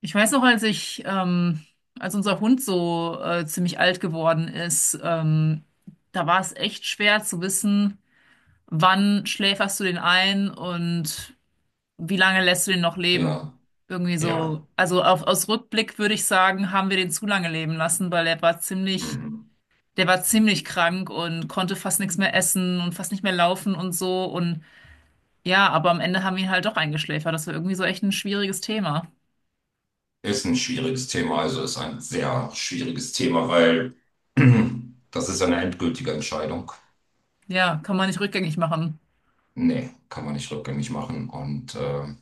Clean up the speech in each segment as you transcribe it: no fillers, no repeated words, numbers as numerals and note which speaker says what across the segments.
Speaker 1: Ich weiß noch, als als unser Hund so ziemlich alt geworden ist, da war es echt schwer zu wissen, wann schläferst du den ein und wie lange lässt du den noch leben.
Speaker 2: Ja,
Speaker 1: Irgendwie
Speaker 2: ja.
Speaker 1: so, also auf, aus Rückblick würde ich sagen, haben wir den zu lange leben lassen, weil er war ziemlich,
Speaker 2: Mhm.
Speaker 1: der war ziemlich krank und konnte fast nichts mehr essen und fast nicht mehr laufen und so. Und ja, aber am Ende haben wir ihn halt doch eingeschläfert. Das war irgendwie so echt ein schwieriges Thema.
Speaker 2: Ist ein schwieriges Thema, also ist ein sehr schwieriges Thema, weil das ist eine endgültige Entscheidung.
Speaker 1: Ja, kann man nicht rückgängig machen.
Speaker 2: Nee, kann man nicht rückgängig machen. Und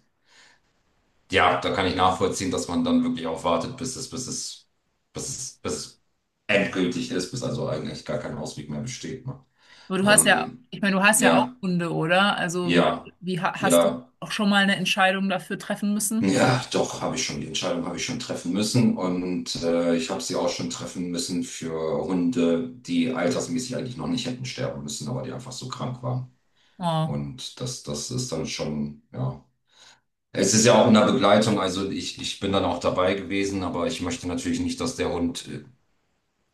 Speaker 2: ja, da kann ich nachvollziehen, dass man dann wirklich auch wartet, bis es endgültig ist, bis also eigentlich gar kein Ausweg mehr besteht. Ne?
Speaker 1: Aber du hast ja,
Speaker 2: Ähm,
Speaker 1: ich meine, du hast ja auch
Speaker 2: ja,
Speaker 1: Hunde, oder? Also
Speaker 2: ja,
Speaker 1: hast du
Speaker 2: ja.
Speaker 1: auch schon mal eine Entscheidung dafür treffen
Speaker 2: Hm.
Speaker 1: müssen?
Speaker 2: Ja, doch, habe ich schon, die Entscheidung habe ich schon treffen müssen und ich habe sie auch schon treffen müssen für Hunde, die altersmäßig eigentlich noch nicht hätten sterben müssen, aber die einfach so krank waren.
Speaker 1: Oh,
Speaker 2: Und das ist dann schon, ja. Es ist ja auch in der Begleitung, also ich bin dann auch dabei gewesen, aber ich möchte natürlich nicht, dass der Hund,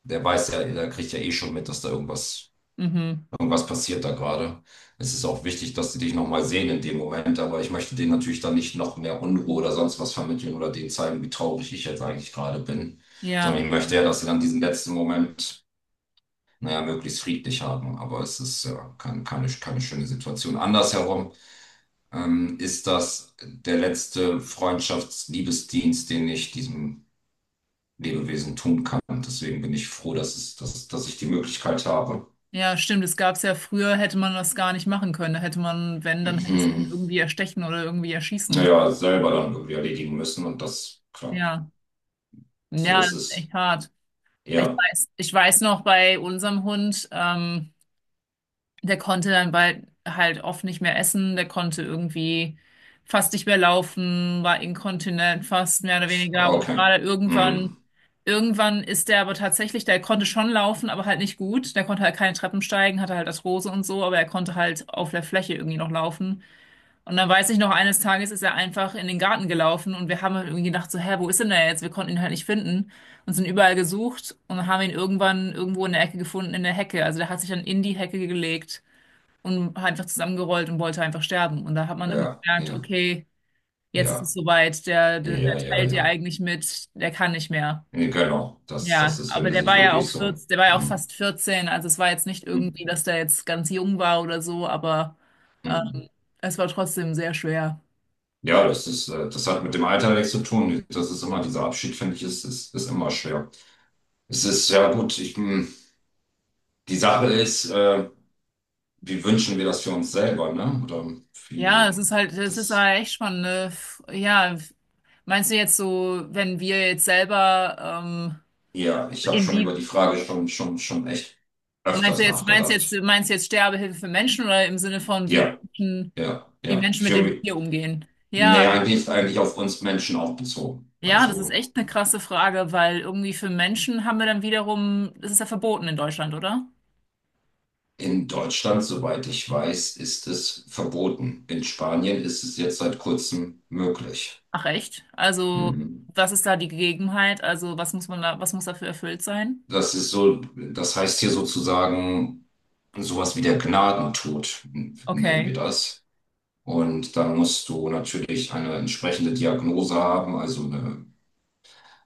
Speaker 2: der weiß ja, der kriegt ja eh schon mit, dass da irgendwas
Speaker 1: mhm.
Speaker 2: was passiert da gerade. Es ist auch wichtig, dass sie dich nochmal sehen in dem Moment, aber ich möchte denen natürlich dann nicht noch mehr Unruhe oder sonst was vermitteln oder denen zeigen, wie traurig ich jetzt eigentlich gerade bin, sondern
Speaker 1: Ja,
Speaker 2: ich möchte ja, dass sie dann diesen letzten Moment, naja, möglichst friedlich haben. Aber es ist ja keine schöne Situation. Andersherum ist das der letzte Freundschaftsliebesdienst, den ich diesem Lebewesen tun kann. Deswegen bin ich froh, dass ich die Möglichkeit habe.
Speaker 1: ja, stimmt. Das gab es ja früher, hätte man das gar nicht machen können. Da hätte man, wenn, dann hättest du ihn irgendwie erstechen oder irgendwie erschießen müssen.
Speaker 2: Naja, selber dann irgendwie erledigen müssen und das, klar,
Speaker 1: Ja,
Speaker 2: so
Speaker 1: ja, das
Speaker 2: ist
Speaker 1: ist
Speaker 2: es.
Speaker 1: echt hart.
Speaker 2: Ja,
Speaker 1: Ich weiß noch bei unserem Hund, der konnte dann bald halt oft nicht mehr essen, der konnte irgendwie fast nicht mehr laufen, war inkontinent fast mehr oder weniger und
Speaker 2: okay.
Speaker 1: war dann irgendwann,
Speaker 2: Hm.
Speaker 1: irgendwann ist der aber tatsächlich, der konnte schon laufen, aber halt nicht gut, der konnte halt keine Treppen steigen, hatte halt Arthrose und so, aber er konnte halt auf der Fläche irgendwie noch laufen. Und dann weiß ich noch, eines Tages ist er einfach in den Garten gelaufen und wir haben halt irgendwie gedacht so, hä, wo ist denn der jetzt? Wir konnten ihn halt nicht finden und sind überall gesucht und haben ihn irgendwann irgendwo in der Ecke gefunden, in der Hecke. Also der hat sich dann in die Hecke gelegt und hat einfach zusammengerollt und wollte einfach sterben. Und da hat man irgendwie
Speaker 2: Ja,
Speaker 1: gemerkt,
Speaker 2: ja,
Speaker 1: okay, jetzt ist es
Speaker 2: ja,
Speaker 1: soweit, der
Speaker 2: ja, ja,
Speaker 1: teilt dir
Speaker 2: ja.
Speaker 1: eigentlich mit, der kann nicht mehr.
Speaker 2: Nee, genau, das
Speaker 1: Ja,
Speaker 2: ist, wenn
Speaker 1: aber
Speaker 2: die
Speaker 1: der
Speaker 2: sich
Speaker 1: war ja auch
Speaker 2: wirklich so.
Speaker 1: 14, der war ja auch
Speaker 2: Hm.
Speaker 1: fast vierzehn, also es war jetzt nicht
Speaker 2: Hm.
Speaker 1: irgendwie, dass der jetzt ganz jung war oder so, aber ähm,
Speaker 2: Hm.
Speaker 1: es war trotzdem sehr schwer.
Speaker 2: Ja, das ist, das hat mit dem Alter nichts zu tun. Das ist immer, dieser Abschied, finde ich, ist immer schwer. Es ist, ja gut, ich, die Sache ist, wie wünschen wir das für uns selber, ne? Oder wie
Speaker 1: Ja, es ist
Speaker 2: das.
Speaker 1: halt echt spannend, ne? Ja, meinst du jetzt so, wenn wir jetzt selber, ähm,
Speaker 2: Ja, ich habe schon über
Speaker 1: inwie,
Speaker 2: die Frage schon echt
Speaker 1: meinst du
Speaker 2: öfters
Speaker 1: jetzt, meinst du jetzt,
Speaker 2: nachgedacht.
Speaker 1: meinst du jetzt Sterbehilfe für Menschen oder im Sinne von,
Speaker 2: Ja, ja,
Speaker 1: Wie
Speaker 2: ja.
Speaker 1: Menschen mit
Speaker 2: Für
Speaker 1: dem
Speaker 2: mich,
Speaker 1: Tier umgehen?
Speaker 2: nee,
Speaker 1: Ja,
Speaker 2: eigentlich ist eigentlich auf uns Menschen auch bezogen.
Speaker 1: ja, das ist
Speaker 2: Also
Speaker 1: echt eine krasse Frage, weil irgendwie für Menschen haben wir dann wiederum, das ist ja verboten in Deutschland, oder?
Speaker 2: in Deutschland, soweit ich weiß, ist es verboten. In Spanien ist es jetzt seit kurzem möglich.
Speaker 1: Ach echt? Also,
Speaker 2: Mhm.
Speaker 1: was ist da die Gegebenheit? Also, was muss man da, was muss dafür erfüllt sein?
Speaker 2: Das ist so, das heißt hier sozusagen sowas wie der Gnadentod, nennen wir
Speaker 1: Okay.
Speaker 2: das. Und da musst du natürlich eine entsprechende Diagnose haben, also eine.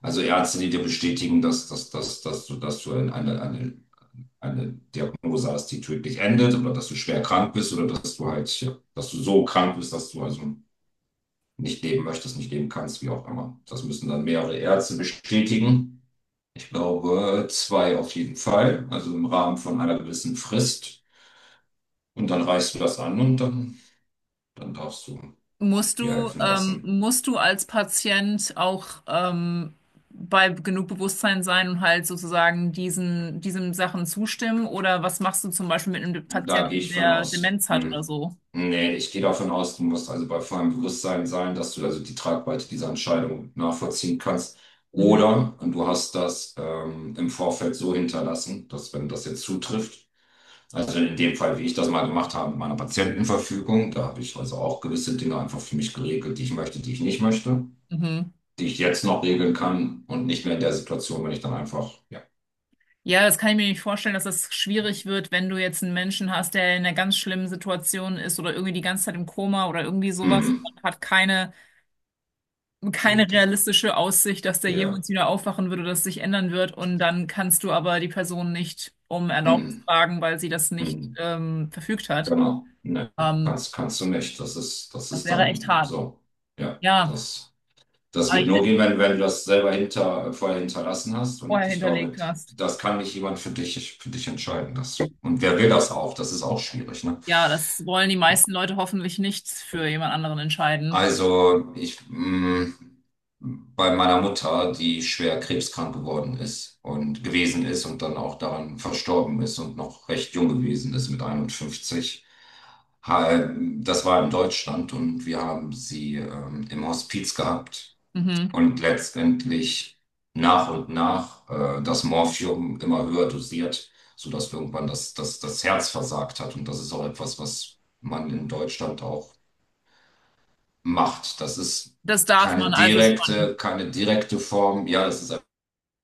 Speaker 2: Also Ärzte, die dir bestätigen, dass du eine Diagnose hast, die tödlich endet oder dass du schwer krank bist oder dass du halt, ja, dass du so krank bist, dass du also nicht leben möchtest, nicht leben kannst, wie auch immer. Das müssen dann mehrere Ärzte bestätigen. Ich glaube, zwei auf jeden Fall, also im Rahmen von einer gewissen Frist. Und dann reichst du das an und dann darfst du dir helfen lassen.
Speaker 1: Musst du als Patient auch bei genug Bewusstsein sein und halt sozusagen diesen Sachen zustimmen? Oder was machst du zum Beispiel mit einem
Speaker 2: Da gehe
Speaker 1: Patienten,
Speaker 2: ich von
Speaker 1: der
Speaker 2: aus.
Speaker 1: Demenz hat oder
Speaker 2: Hm.
Speaker 1: so?
Speaker 2: Nee, ich gehe davon aus, du musst also bei vollem Bewusstsein sein, dass du also die Tragweite dieser Entscheidung nachvollziehen kannst.
Speaker 1: Mhm.
Speaker 2: Oder und du hast das im Vorfeld so hinterlassen, dass wenn das jetzt zutrifft, also in dem Fall, wie ich das mal gemacht habe, mit meiner Patientenverfügung, da habe ich also auch gewisse Dinge einfach für mich geregelt, die ich möchte, die ich nicht möchte,
Speaker 1: Mhm.
Speaker 2: die ich jetzt noch regeln kann und nicht mehr in der Situation, wenn ich dann einfach, ja,
Speaker 1: Ja, das kann ich mir nicht vorstellen, dass das schwierig wird, wenn du jetzt einen Menschen hast, der in einer ganz schlimmen Situation ist oder irgendwie die ganze Zeit im Koma oder irgendwie sowas und
Speaker 2: mhm.
Speaker 1: man hat
Speaker 2: D-
Speaker 1: keine
Speaker 2: d-
Speaker 1: realistische Aussicht, dass der
Speaker 2: ja,
Speaker 1: jemals wieder aufwachen würde, dass sich ändern wird. Und dann kannst du aber die Person nicht um Erlaubnis
Speaker 2: mhm.
Speaker 1: fragen, weil sie das nicht
Speaker 2: Mhm.
Speaker 1: verfügt hat.
Speaker 2: Genau. Ne,
Speaker 1: Ähm,
Speaker 2: kannst du nicht. Das
Speaker 1: das
Speaker 2: ist
Speaker 1: wäre echt
Speaker 2: dann
Speaker 1: hart.
Speaker 2: so. Ja,
Speaker 1: Ja,
Speaker 2: das, das
Speaker 1: aber
Speaker 2: wird
Speaker 1: ich
Speaker 2: nur gehen, wenn du das selber hinter, vorher hinterlassen hast.
Speaker 1: vorher
Speaker 2: Und ich glaube,
Speaker 1: hinterlegt hast.
Speaker 2: das kann nicht jemand für dich entscheiden. Das, und wer will das auch? Das ist auch schwierig, ne?
Speaker 1: Ja, das wollen die meisten Leute hoffentlich nicht für jemand anderen entscheiden.
Speaker 2: Also ich bei meiner Mutter, die schwer krebskrank geworden ist und gewesen ist und dann auch daran verstorben ist und noch recht jung gewesen ist mit 51. Ha- Das war in Deutschland und wir haben sie im Hospiz gehabt
Speaker 1: Mhm.
Speaker 2: und letztendlich nach und nach das Morphium immer höher dosiert, sodass irgendwann das Herz versagt hat. Und das ist auch etwas, was man in Deutschland auch macht. Das ist
Speaker 1: Das darf
Speaker 2: keine
Speaker 1: man also schon.
Speaker 2: direkte, keine direkte Form. Ja, das ist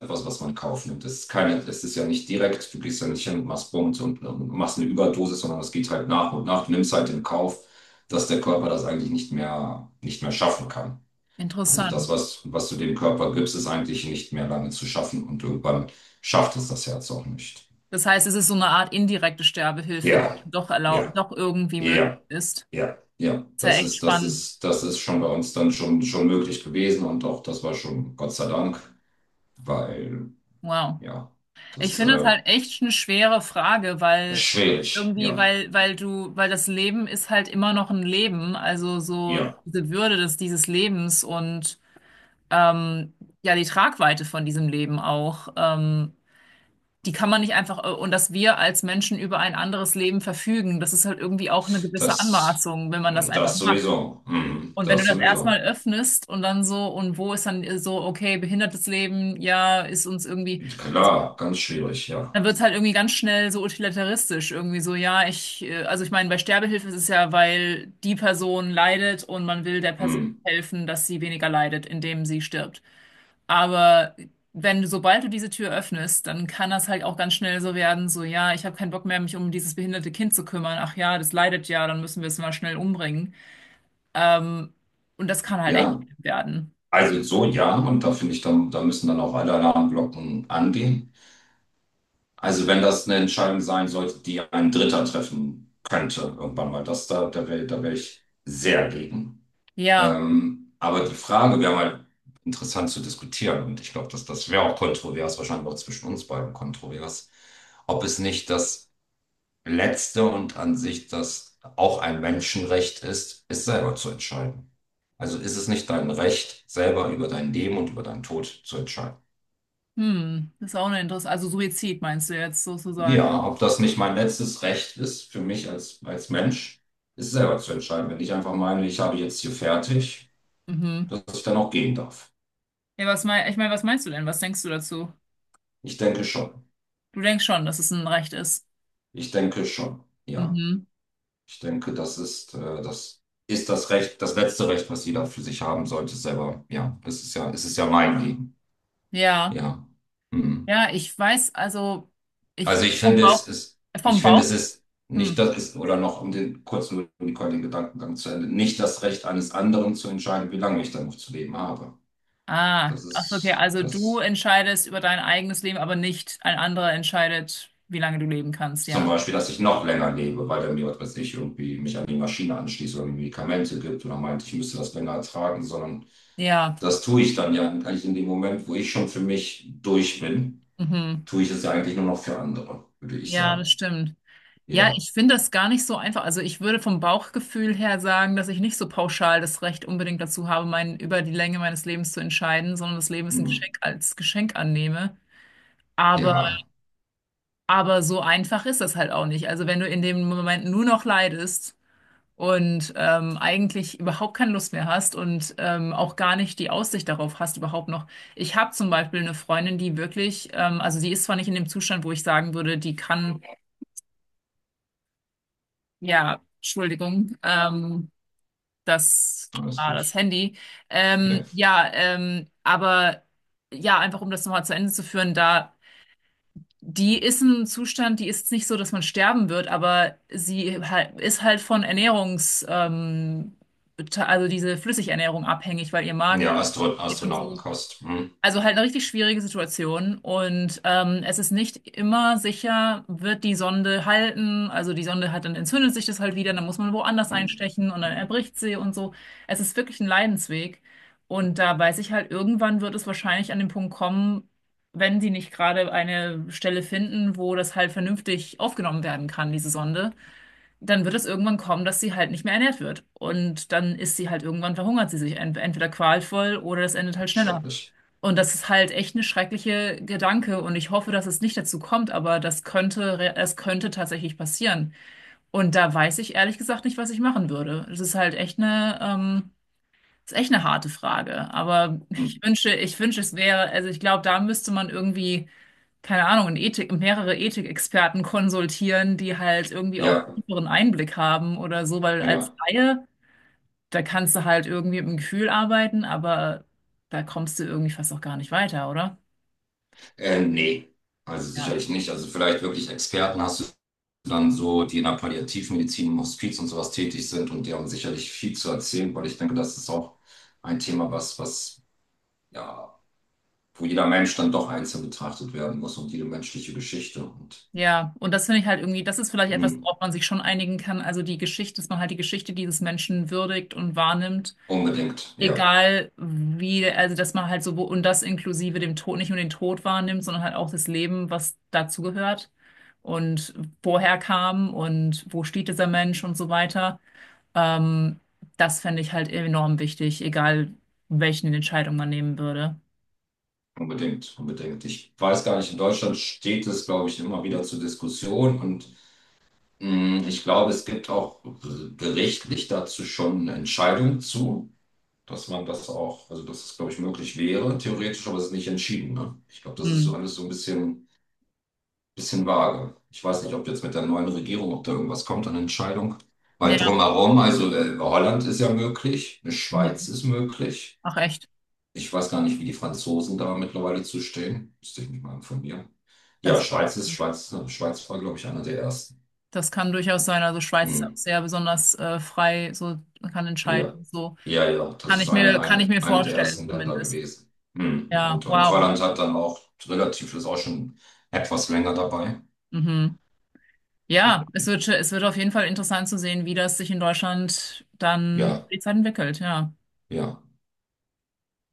Speaker 2: etwas, was man kauft. Das ist keine, das ist ja nicht direkt. Du gehst ja nicht hin und machst Bums und machst eine Überdosis, sondern das geht halt nach und nach. Du nimmst halt in Kauf, dass der Körper das eigentlich nicht mehr schaffen kann. Also das,
Speaker 1: Interessant.
Speaker 2: was du dem Körper gibst, ist eigentlich nicht mehr lange zu schaffen und irgendwann schafft es das Herz auch nicht.
Speaker 1: Das heißt, es ist so eine Art indirekte Sterbehilfe, die
Speaker 2: Ja,
Speaker 1: doch erlaubt,
Speaker 2: ja,
Speaker 1: doch irgendwie möglich
Speaker 2: ja.
Speaker 1: ist.
Speaker 2: Ja, ja,
Speaker 1: Ist ja
Speaker 2: das
Speaker 1: echt
Speaker 2: ist, das
Speaker 1: spannend.
Speaker 2: ist, das ist schon bei uns dann schon möglich gewesen und auch das war schon Gott sei Dank, weil,
Speaker 1: Wow.
Speaker 2: ja,
Speaker 1: Ich
Speaker 2: das
Speaker 1: finde es halt echt eine schwere Frage,
Speaker 2: ist
Speaker 1: weil
Speaker 2: schwierig,
Speaker 1: irgendwie,
Speaker 2: ja,
Speaker 1: weil das Leben ist halt immer noch ein Leben, also so
Speaker 2: ja,
Speaker 1: diese Würde des, dieses Lebens und ähm, ja, die Tragweite von diesem Leben auch, die kann man nicht einfach, und dass wir als Menschen über ein anderes Leben verfügen, das ist halt irgendwie auch eine gewisse
Speaker 2: das,
Speaker 1: Anmaßung, wenn man das einfach
Speaker 2: das
Speaker 1: macht.
Speaker 2: sowieso,
Speaker 1: Und wenn du
Speaker 2: das
Speaker 1: das erstmal
Speaker 2: sowieso,
Speaker 1: öffnest und dann so, und wo ist dann so, okay, behindertes Leben, ja, ist uns irgendwie.
Speaker 2: klar, ganz schwierig, ja,
Speaker 1: Dann wird es halt irgendwie ganz schnell so utilitaristisch. Irgendwie so, ja, also ich meine, bei Sterbehilfe ist es ja, weil die Person leidet und man will der Person
Speaker 2: mhm,
Speaker 1: helfen, dass sie weniger leidet, indem sie stirbt. Aber wenn du, sobald du diese Tür öffnest, dann kann das halt auch ganz schnell so werden, so, ja, ich habe keinen Bock mehr, mich um dieses behinderte Kind zu kümmern. Ach ja, das leidet ja, dann müssen wir es mal schnell umbringen. Ähm, und das kann halt echt
Speaker 2: ja,
Speaker 1: schlimm werden.
Speaker 2: also so, ja, und da finde ich, dann, da müssen dann auch alle Alarmglocken angehen. Also wenn das eine Entscheidung sein sollte, die ein Dritter treffen könnte, irgendwann mal, das da, da wäre ich sehr gegen.
Speaker 1: Ja,
Speaker 2: Aber die Frage wäre mal interessant zu diskutieren und ich glaube, dass das wäre auch kontrovers, wahrscheinlich auch zwischen uns beiden kontrovers, ob es nicht das letzte und an sich das auch ein Menschenrecht ist, es selber zu entscheiden. Also ist es nicht dein Recht, selber über dein Leben und über deinen Tod zu entscheiden?
Speaker 1: hm, das ist auch eine Interesse. Also Suizid meinst du jetzt sozusagen?
Speaker 2: Ja, ob das nicht mein letztes Recht ist für mich als Mensch, ist selber zu entscheiden. Wenn ich einfach meine, ich habe jetzt hier fertig,
Speaker 1: Mhm.
Speaker 2: dass ich dann auch gehen darf.
Speaker 1: Ja, was mein, ich meine, was meinst du denn? Was denkst du dazu?
Speaker 2: Ich denke schon.
Speaker 1: Du denkst schon, dass es ein Recht ist.
Speaker 2: Ich denke schon, ja.
Speaker 1: Mhm.
Speaker 2: Ich denke, das ist, das ist das Recht, das letzte Recht, was jeder für sich haben sollte, selber. Ja, es ist ja, es ist ja mein Leben.
Speaker 1: Ja.
Speaker 2: Ja. Hm.
Speaker 1: Ja, ich weiß, also ich
Speaker 2: Also
Speaker 1: würde
Speaker 2: ich
Speaker 1: vom
Speaker 2: finde, es
Speaker 1: Bauch,
Speaker 2: ist,
Speaker 1: vom
Speaker 2: ich finde, es
Speaker 1: Bauch.
Speaker 2: ist nicht
Speaker 1: Hm.
Speaker 2: das ist, oder noch um den kurz nur den den Gedankengang zu Ende, nicht das Recht eines anderen zu entscheiden, wie lange ich dann noch zu leben habe.
Speaker 1: Ah,
Speaker 2: Das
Speaker 1: ach, so, okay.
Speaker 2: ist
Speaker 1: Also du
Speaker 2: das
Speaker 1: entscheidest über dein eigenes Leben, aber nicht ein anderer entscheidet, wie lange du leben kannst,
Speaker 2: zum
Speaker 1: ja.
Speaker 2: Beispiel, dass ich noch länger lebe, weil er mir, was weiß ich, irgendwie mich an die Maschine anschließt oder mir Medikamente gibt oder meint, ich müsste das länger ertragen, sondern.
Speaker 1: Ja.
Speaker 2: Das tue ich dann ja eigentlich in dem Moment, wo ich schon für mich durch bin,
Speaker 1: Mhm.
Speaker 2: tue ich es ja eigentlich nur noch für andere, würde ich
Speaker 1: Ja, das
Speaker 2: sagen.
Speaker 1: stimmt. Ja,
Speaker 2: Ja,
Speaker 1: ich finde das gar nicht so einfach. Also ich würde vom Bauchgefühl her sagen, dass ich nicht so pauschal das Recht unbedingt dazu habe, mein, über die Länge meines Lebens zu entscheiden, sondern das Leben ist ein
Speaker 2: hm.
Speaker 1: Geschenk als Geschenk annehme. Aber,
Speaker 2: Ja,
Speaker 1: aber so einfach ist das halt auch nicht. Also wenn du in dem Moment nur noch leidest und eigentlich überhaupt keine Lust mehr hast und auch gar nicht die Aussicht darauf hast, überhaupt noch. Ich habe zum Beispiel eine Freundin, die wirklich, also die ist zwar nicht in dem Zustand, wo ich sagen würde, die kann. Ja, Entschuldigung, das
Speaker 2: alles
Speaker 1: war das
Speaker 2: gut.
Speaker 1: Handy.
Speaker 2: Ja,
Speaker 1: Ja, aber ja, einfach um das nochmal zu Ende zu führen, da die ist im Zustand, die ist nicht so, dass man sterben wird, aber sie halt, ist halt von also diese Flüssigernährung abhängig, weil ihr Magen
Speaker 2: ja,
Speaker 1: nicht geht und so.
Speaker 2: Astronautenkost. Hm.
Speaker 1: Also halt eine richtig schwierige Situation und es ist nicht immer sicher, wird die Sonde halten. Also die Sonde hat dann entzündet sich das halt wieder, dann muss man woanders
Speaker 2: Hm.
Speaker 1: einstechen und dann erbricht sie und so. Es ist wirklich ein Leidensweg und da weiß ich halt, irgendwann wird es wahrscheinlich an den Punkt kommen, wenn sie nicht gerade eine Stelle finden, wo das halt vernünftig aufgenommen werden kann, diese Sonde, dann wird es irgendwann kommen, dass sie halt nicht mehr ernährt wird. Und dann ist sie halt irgendwann verhungert sie sich entweder qualvoll oder das endet halt schneller.
Speaker 2: Schrecklich.
Speaker 1: Und das ist halt echt eine schreckliche Gedanke und ich hoffe, dass es nicht dazu kommt, aber das es könnte tatsächlich passieren. Und da weiß ich ehrlich gesagt nicht, was ich machen würde. Es ist halt echt eine, ist echt eine harte Frage. Aber
Speaker 2: Hm.
Speaker 1: ich wünsche, es wäre, also ich glaube, da müsste man irgendwie, keine Ahnung, in Ethik, mehrere Ethikexperten konsultieren, die halt irgendwie auch
Speaker 2: Ja,
Speaker 1: tieferen Einblick haben oder so, weil als
Speaker 2: ja.
Speaker 1: Laie, da kannst du halt irgendwie mit dem Gefühl arbeiten, aber da kommst du irgendwie fast auch gar nicht weiter, oder?
Speaker 2: Nee, also
Speaker 1: Ja.
Speaker 2: sicherlich nicht. Also vielleicht wirklich Experten hast du dann so, die in der Palliativmedizin im Hospiz und sowas tätig sind und die haben sicherlich viel zu erzählen, weil ich denke, das ist auch ein Thema, was ja wo jeder Mensch dann doch einzeln betrachtet werden muss und jede menschliche Geschichte. Und
Speaker 1: Ja, und das finde ich halt irgendwie, das ist vielleicht etwas,
Speaker 2: mh,
Speaker 1: worauf man sich schon einigen kann. Also die Geschichte, dass man halt die Geschichte dieses Menschen würdigt und wahrnimmt.
Speaker 2: unbedingt, ja,
Speaker 1: Egal wie, also dass man halt so, wo, und das inklusive dem Tod, nicht nur den Tod wahrnimmt, sondern halt auch das Leben, was dazugehört und woher kam und wo steht dieser Mensch und so weiter. Ähm, das fände ich halt enorm wichtig, egal welchen Entscheidung man nehmen würde.
Speaker 2: unbedingt, unbedingt. Ich weiß gar nicht, in Deutschland steht es, glaube ich, immer wieder zur Diskussion und ich glaube, es gibt auch gerichtlich dazu schon eine Entscheidung zu. Dass man das auch, also dass es, glaube ich, möglich wäre, theoretisch, aber es ist nicht entschieden. Ne? Ich glaube, das ist so
Speaker 1: Hm.
Speaker 2: alles so ein bisschen vage. Ich weiß nicht, ob jetzt mit der neuen Regierung, ob da irgendwas kommt an Entscheidung. Weil
Speaker 1: Ja,
Speaker 2: drumherum, also Holland ist ja möglich, eine
Speaker 1: mhm.
Speaker 2: Schweiz ist möglich.
Speaker 1: Ach echt,
Speaker 2: Ich weiß gar nicht, wie die Franzosen da mittlerweile zu stehen. Müsste ich mich mal informieren. Ja,
Speaker 1: das,
Speaker 2: Schweiz ist, Schweiz war, glaube ich, einer der ersten.
Speaker 1: das kann durchaus sein. Also Schweiz ist ja auch
Speaker 2: Hm.
Speaker 1: sehr besonders frei, so man kann entscheiden.
Speaker 2: Ja.
Speaker 1: So
Speaker 2: Ja, ja, das
Speaker 1: kann
Speaker 2: ist
Speaker 1: ich
Speaker 2: eine,
Speaker 1: kann ich
Speaker 2: eine,
Speaker 1: mir
Speaker 2: eine der
Speaker 1: vorstellen,
Speaker 2: ersten Länder
Speaker 1: zumindest.
Speaker 2: gewesen. Hm.
Speaker 1: Ja,
Speaker 2: Und
Speaker 1: wow.
Speaker 2: Holland hat dann auch relativ, ist auch schon etwas länger dabei.
Speaker 1: Mhm.
Speaker 2: Ja.
Speaker 1: Ja, es wird auf jeden Fall interessant zu sehen, wie das sich in Deutschland dann
Speaker 2: Ja,
Speaker 1: die Zeit entwickelt, ja.
Speaker 2: ja.